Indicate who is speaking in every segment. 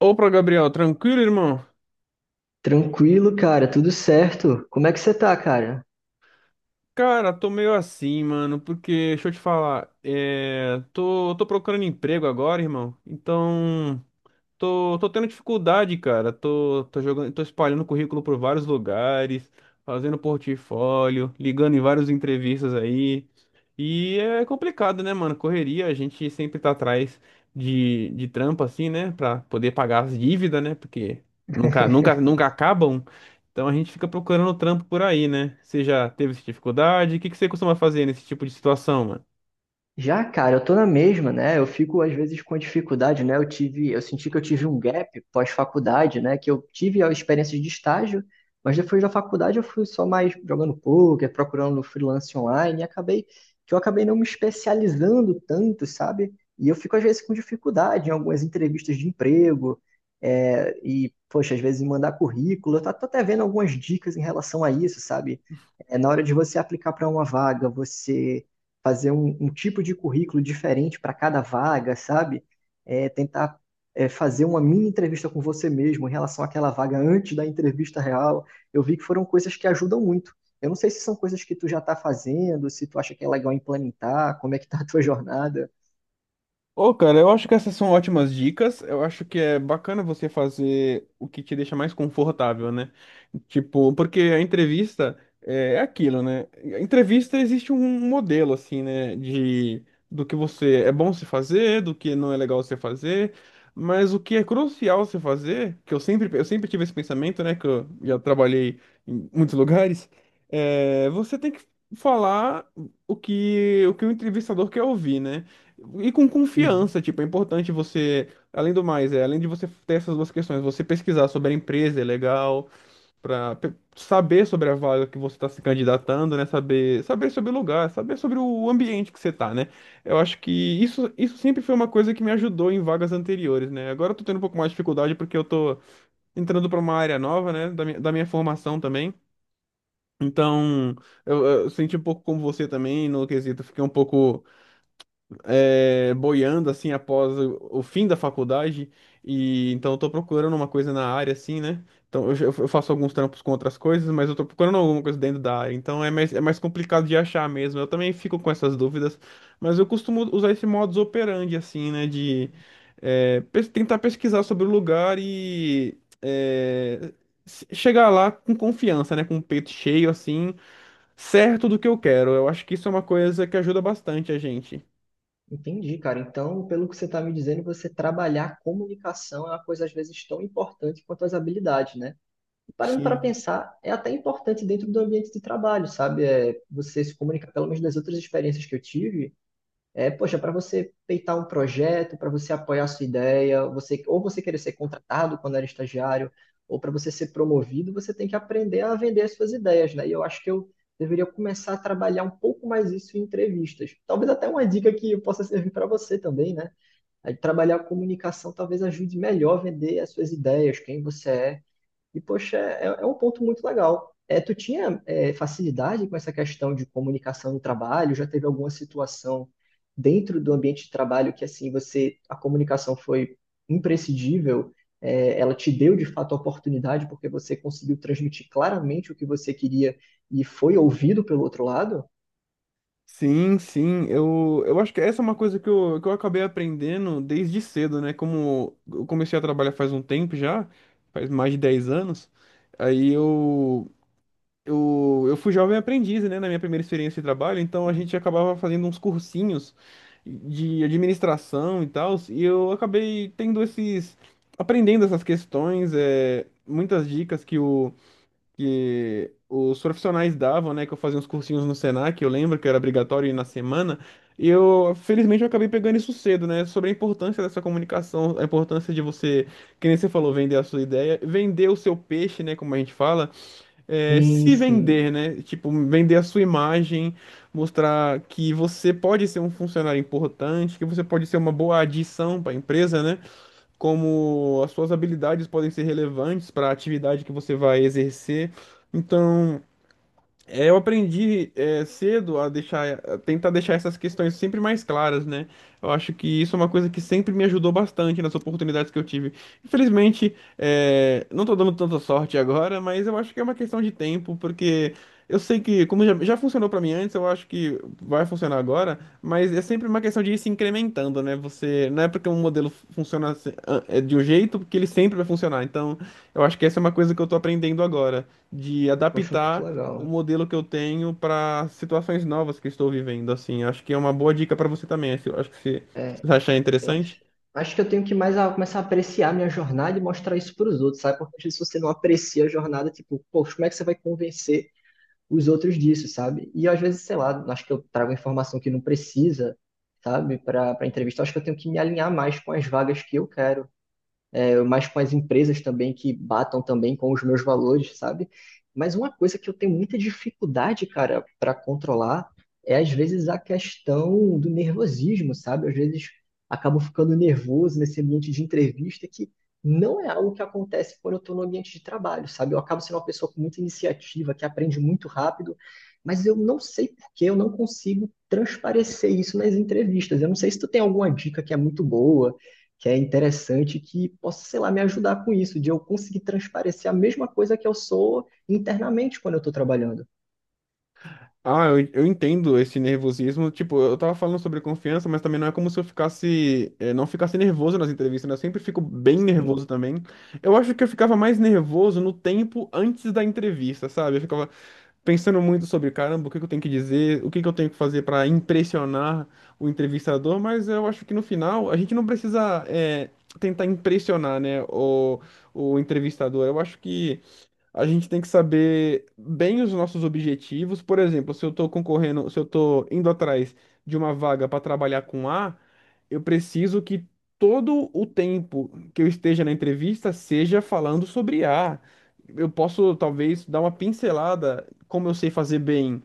Speaker 1: Opa, Gabriel, tranquilo, irmão?
Speaker 2: Tranquilo, cara, tudo certo. Como é que você tá, cara?
Speaker 1: Cara, tô meio assim, mano, porque, deixa eu te falar, tô procurando emprego agora, irmão, então tô tendo dificuldade, cara. Tô jogando, tô espalhando currículo por vários lugares, fazendo portfólio, ligando em várias entrevistas aí. E é complicado, né, mano? Correria, a gente sempre tá atrás de trampo, assim, né? Pra poder pagar as dívidas, né? Porque nunca, nunca, nunca acabam. Então a gente fica procurando trampo por aí, né? Você já teve essa dificuldade? O que que você costuma fazer nesse tipo de situação?
Speaker 2: Já, cara, eu tô na mesma, né? Eu fico às vezes com dificuldade, né? Eu senti que eu tive um gap pós-faculdade, né? Que eu tive a experiência de estágio, mas depois da faculdade eu fui só mais jogando poker, procurando no freelance online e acabei que eu acabei não me especializando tanto, sabe? E eu fico às vezes com dificuldade em algumas entrevistas de emprego, e poxa, às vezes em mandar currículo. Eu tô até vendo algumas dicas em relação a isso, sabe? É, na hora de você aplicar para uma vaga, você fazer um tipo de currículo diferente para cada vaga, sabe? É, tentar fazer uma mini entrevista com você mesmo em relação àquela vaga antes da entrevista real. Eu vi que foram coisas que ajudam muito. Eu não sei se são coisas que tu já está fazendo, se tu acha que é legal implementar, como é que tá a tua jornada.
Speaker 1: Ô, cara, eu acho que essas são ótimas dicas. Eu acho que é bacana você fazer o que te deixa mais confortável, né? Tipo, porque a entrevista é aquilo, né? A entrevista existe um modelo, assim, né? De do que você é bom se fazer, do que não é legal se fazer. Mas o que é crucial se fazer, que eu sempre tive esse pensamento, né? Que eu já trabalhei em muitos lugares, você tem que falar o que o entrevistador quer ouvir, né? E com
Speaker 2: Uhum.
Speaker 1: confiança. Tipo, é importante você, além do mais, além de você ter essas duas questões, você pesquisar sobre a empresa é legal, para saber sobre a vaga que você está se candidatando, né? Saber sobre o lugar, saber sobre o ambiente que você tá, né? Eu acho que isso sempre foi uma coisa que me ajudou em vagas anteriores, né? Agora eu tô tendo um pouco mais de dificuldade porque eu tô entrando para uma área nova, né? Da minha formação também. Então, eu senti um pouco como você também. No quesito, fiquei um pouco boiando assim após o fim da faculdade, e então eu tô procurando uma coisa na área assim, né? Então eu faço alguns trampos com outras coisas, mas eu tô procurando alguma coisa dentro da área, então é mais complicado de achar mesmo. Eu também fico com essas dúvidas, mas eu costumo usar esse modus operandi assim, né? De tentar pesquisar sobre o lugar e chegar lá com confiança, né? Com o peito cheio assim, certo do que eu quero. Eu acho que isso é uma coisa que ajuda bastante a gente.
Speaker 2: Entendi, cara. Então, pelo que você está me dizendo, você trabalhar comunicação é uma coisa às vezes tão importante quanto as habilidades, né? Parando para
Speaker 1: Sim.
Speaker 2: pensar, é até importante dentro do ambiente de trabalho, sabe? É, você se comunicar, pelo menos das outras experiências que eu tive, é, poxa, para você peitar um projeto, para você apoiar a sua ideia, você, ou você querer ser contratado quando era estagiário, ou para você ser promovido, você tem que aprender a vender as suas ideias, né? E eu acho que eu deveria começar a trabalhar um pouco mais isso em entrevistas. Talvez até uma dica que possa servir para você também, né? Aí, trabalhar a comunicação talvez ajude melhor a vender as suas ideias, quem você é, e, poxa, é um ponto muito legal. É, tu tinha facilidade com essa questão de comunicação no trabalho? Já teve alguma situação dentro do ambiente de trabalho que, assim, você, a comunicação foi imprescindível? É, ela te deu, de fato, a oportunidade porque você conseguiu transmitir claramente o que você queria e foi ouvido pelo outro lado?
Speaker 1: Sim, sim, eu acho que essa é uma coisa que eu acabei aprendendo desde cedo, né? Como eu comecei a trabalhar faz um tempo já, faz mais de 10 anos, aí eu fui jovem aprendiz, né? Na minha primeira experiência de trabalho, então a gente acabava fazendo uns cursinhos de administração e tal, e eu acabei aprendendo essas questões, muitas dicas que o que os profissionais davam, né? Que eu fazia uns cursinhos no Senac. Eu lembro que era obrigatório ir na semana. E eu, felizmente, eu acabei pegando isso cedo, né? Sobre a importância dessa comunicação, a importância de você, que nem você falou, vender a sua ideia, vender o seu peixe, né? Como a gente fala,
Speaker 2: Sim,
Speaker 1: se
Speaker 2: sim.
Speaker 1: vender, né? Tipo, vender a sua imagem, mostrar que você pode ser um funcionário importante, que você pode ser uma boa adição para a empresa, né? Como as suas habilidades podem ser relevantes para a atividade que você vai exercer. Então, eu aprendi cedo a tentar deixar essas questões sempre mais claras, né? Eu acho que isso é uma coisa que sempre me ajudou bastante nas oportunidades que eu tive. Infelizmente, não tô dando tanta sorte agora, mas eu acho que é uma questão de tempo, porque eu sei que, como já funcionou para mim antes, eu acho que vai funcionar agora, mas é sempre uma questão de ir se incrementando, né? Você, não é porque um modelo funciona assim, ah, é de um jeito que ele sempre vai funcionar. Então, eu acho que essa é uma coisa que eu tô aprendendo agora, de
Speaker 2: Poxa, muito
Speaker 1: adaptar o
Speaker 2: legal.
Speaker 1: modelo que eu tenho para situações novas que estou vivendo, assim. Acho que é uma boa dica para você também, assim. Acho que se
Speaker 2: É,
Speaker 1: você achar
Speaker 2: eu
Speaker 1: interessante.
Speaker 2: acho que eu tenho que mais começar a apreciar a minha jornada e mostrar isso para os outros, sabe? Porque às vezes você não aprecia a jornada, tipo, poxa, como é que você vai convencer os outros disso, sabe? E às vezes, sei lá, acho que eu trago informação que não precisa, sabe, para entrevista. Acho que eu tenho que me alinhar mais com as vagas que eu quero, é, mas com as empresas também que batam também com os meus valores, sabe? Mas uma coisa que eu tenho muita dificuldade, cara, para controlar é às vezes a questão do nervosismo, sabe? Às vezes acabo ficando nervoso nesse ambiente de entrevista que não é algo que acontece quando eu estou no ambiente de trabalho, sabe? Eu acabo sendo uma pessoa com muita iniciativa, que aprende muito rápido, mas eu não sei por que eu não consigo transparecer isso nas entrevistas. Eu não sei se tu tem alguma dica que é muito boa que é interessante que possa, sei lá, me ajudar com isso, de eu conseguir transparecer a mesma coisa que eu sou internamente quando eu estou trabalhando.
Speaker 1: Ah, eu entendo esse nervosismo. Tipo, eu tava falando sobre confiança, mas também não é como se eu não ficasse nervoso nas entrevistas, né? Eu sempre fico bem
Speaker 2: Sim,
Speaker 1: nervoso também. Eu acho que eu ficava mais nervoso no tempo antes da entrevista, sabe? Eu ficava pensando muito sobre, caramba, o que que eu tenho que dizer, o que que eu tenho que fazer para impressionar o entrevistador, mas eu acho que no final a gente não precisa tentar impressionar, né, o entrevistador. Eu acho que a gente tem que saber bem os nossos objetivos. Por exemplo, se eu estou concorrendo, se eu estou indo atrás de uma vaga para trabalhar com A, eu preciso que todo o tempo que eu esteja na entrevista seja falando sobre A. Eu posso, talvez, dar uma pincelada, como eu sei fazer bem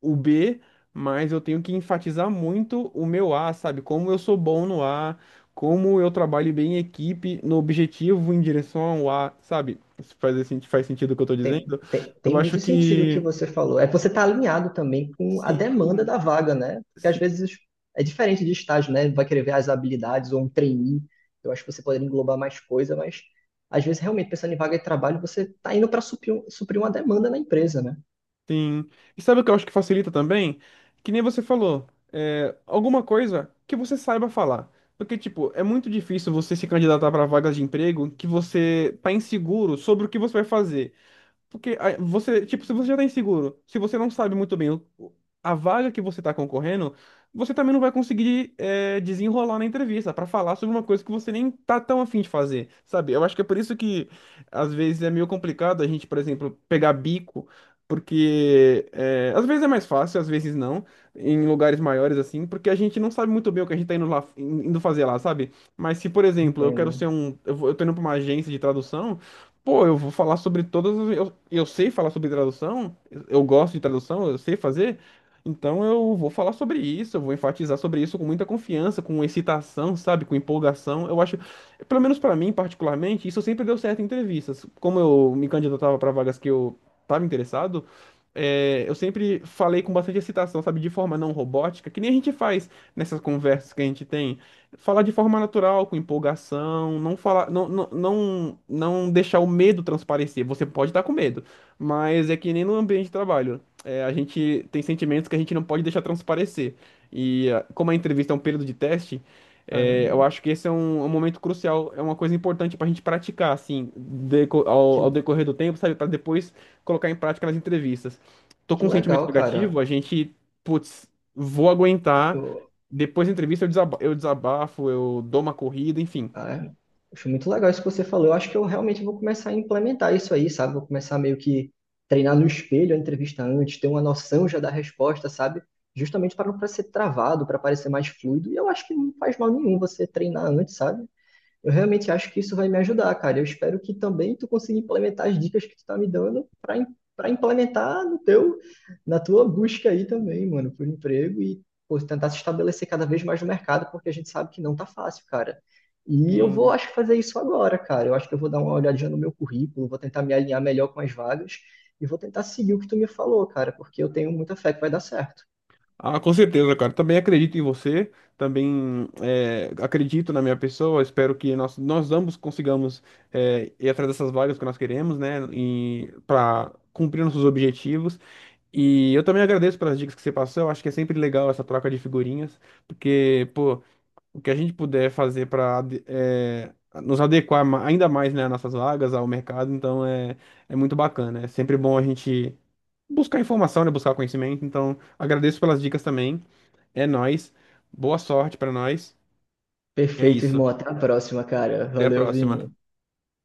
Speaker 1: o B, mas eu tenho que enfatizar muito o meu A, sabe? Como eu sou bom no A, como eu trabalho bem em equipe, no objetivo, em direção ao A, sabe? Se faz, esse- faz sentido o que eu tô
Speaker 2: tem,
Speaker 1: dizendo?
Speaker 2: tem,
Speaker 1: Eu
Speaker 2: tem
Speaker 1: acho
Speaker 2: muito sentido o que
Speaker 1: que
Speaker 2: você falou. É que você está alinhado também com a demanda
Speaker 1: sim,
Speaker 2: da vaga, né? Porque às
Speaker 1: sim,
Speaker 2: vezes é diferente de estágio, né? Vai querer ver as habilidades ou um trainee. Eu acho que você poderia englobar mais coisa, mas às vezes realmente pensando em vaga de trabalho, você está indo para suprir, suprir uma demanda na empresa, né?
Speaker 1: sim. E sabe o que eu acho que facilita também? Que nem você falou, alguma coisa que você saiba falar. Porque, tipo, é muito difícil você se candidatar para vagas de emprego que você tá inseguro sobre o que você vai fazer. Porque aí, você, tipo, se você já tá inseguro, se você não sabe muito bem a vaga que você tá concorrendo, você também não vai conseguir desenrolar na entrevista pra falar sobre uma coisa que você nem tá tão afim de fazer, sabe? Eu acho que é por isso que às vezes é meio complicado a gente, por exemplo, pegar bico, porque às vezes é mais fácil, às vezes não, em lugares maiores assim, porque a gente não sabe muito bem o que a gente tá indo lá, indo fazer lá, sabe? Mas se, por exemplo, eu quero
Speaker 2: Entendo.
Speaker 1: ser um, eu vou- eu tô indo pra uma agência de tradução. Pô, eu vou falar sobre todas as... Eu sei falar sobre tradução, eu gosto de tradução, eu sei fazer, então eu vou falar sobre isso, eu vou enfatizar sobre isso com muita confiança, com excitação, sabe, com empolgação. Eu acho, pelo menos pra mim particularmente, isso sempre deu certo em entrevistas. Como eu me candidatava pra vagas que eu tava interessado, eu sempre falei com bastante excitação, sabe, de forma não robótica, que nem a gente faz nessas conversas que a gente tem, falar de forma natural, com empolgação, não falar, não, não, não, não deixar o medo transparecer. Você pode estar com medo, mas é que nem no ambiente de trabalho. A gente tem sentimentos que a gente não pode deixar transparecer. E ah, como a entrevista é um período de teste, eu
Speaker 2: Caramba,
Speaker 1: acho que esse é um momento crucial, é uma coisa importante para a gente praticar, assim, deco- ao,
Speaker 2: que,
Speaker 1: ao decorrer do tempo, sabe? Para depois colocar em prática nas entrevistas. Tô com
Speaker 2: que
Speaker 1: um sentimento
Speaker 2: legal,
Speaker 1: negativo,
Speaker 2: cara.
Speaker 1: a gente, putz, vou aguentar. Depois da entrevista eu desabafo, eu dou uma corrida, enfim.
Speaker 2: Ah, é. Muito legal isso que você falou. Eu acho que eu realmente vou começar a implementar isso aí, sabe? Vou começar meio que treinar no espelho a entrevista antes, ter uma noção já da resposta, sabe? Justamente para não pra ser travado, para parecer mais fluido. E eu acho que não faz mal nenhum você treinar antes, sabe? Eu realmente acho que isso vai me ajudar, cara. Eu espero que também tu consiga implementar as dicas que tu tá me dando para implementar no teu na tua busca aí também, mano, por emprego e pô, tentar se estabelecer cada vez mais no mercado, porque a gente sabe que não tá fácil, cara. E eu vou,
Speaker 1: Em-
Speaker 2: acho que fazer isso agora, cara. Eu acho que eu vou dar uma olhadinha no meu currículo, vou tentar me alinhar melhor com as vagas e vou tentar seguir o que tu me falou, cara, porque eu tenho muita fé que vai dar certo.
Speaker 1: Ah, com certeza, cara. Também acredito em você, também acredito na minha pessoa. Espero que nós ambos consigamos ir atrás dessas vagas que nós queremos, né, e para cumprir nossos objetivos. E eu também agradeço pelas dicas que você passou. Eu acho que é sempre legal essa troca de figurinhas, porque, pô, o que a gente puder fazer para nos adequar ainda mais, né, às nossas vagas, ao mercado, então é muito bacana. É sempre bom a gente buscar informação, né, buscar conhecimento. Então, agradeço pelas dicas também. É nóis. Boa sorte para nós. E é
Speaker 2: Perfeito,
Speaker 1: isso.
Speaker 2: irmão. Até a próxima, cara.
Speaker 1: Até a
Speaker 2: Valeu,
Speaker 1: próxima.
Speaker 2: Vini.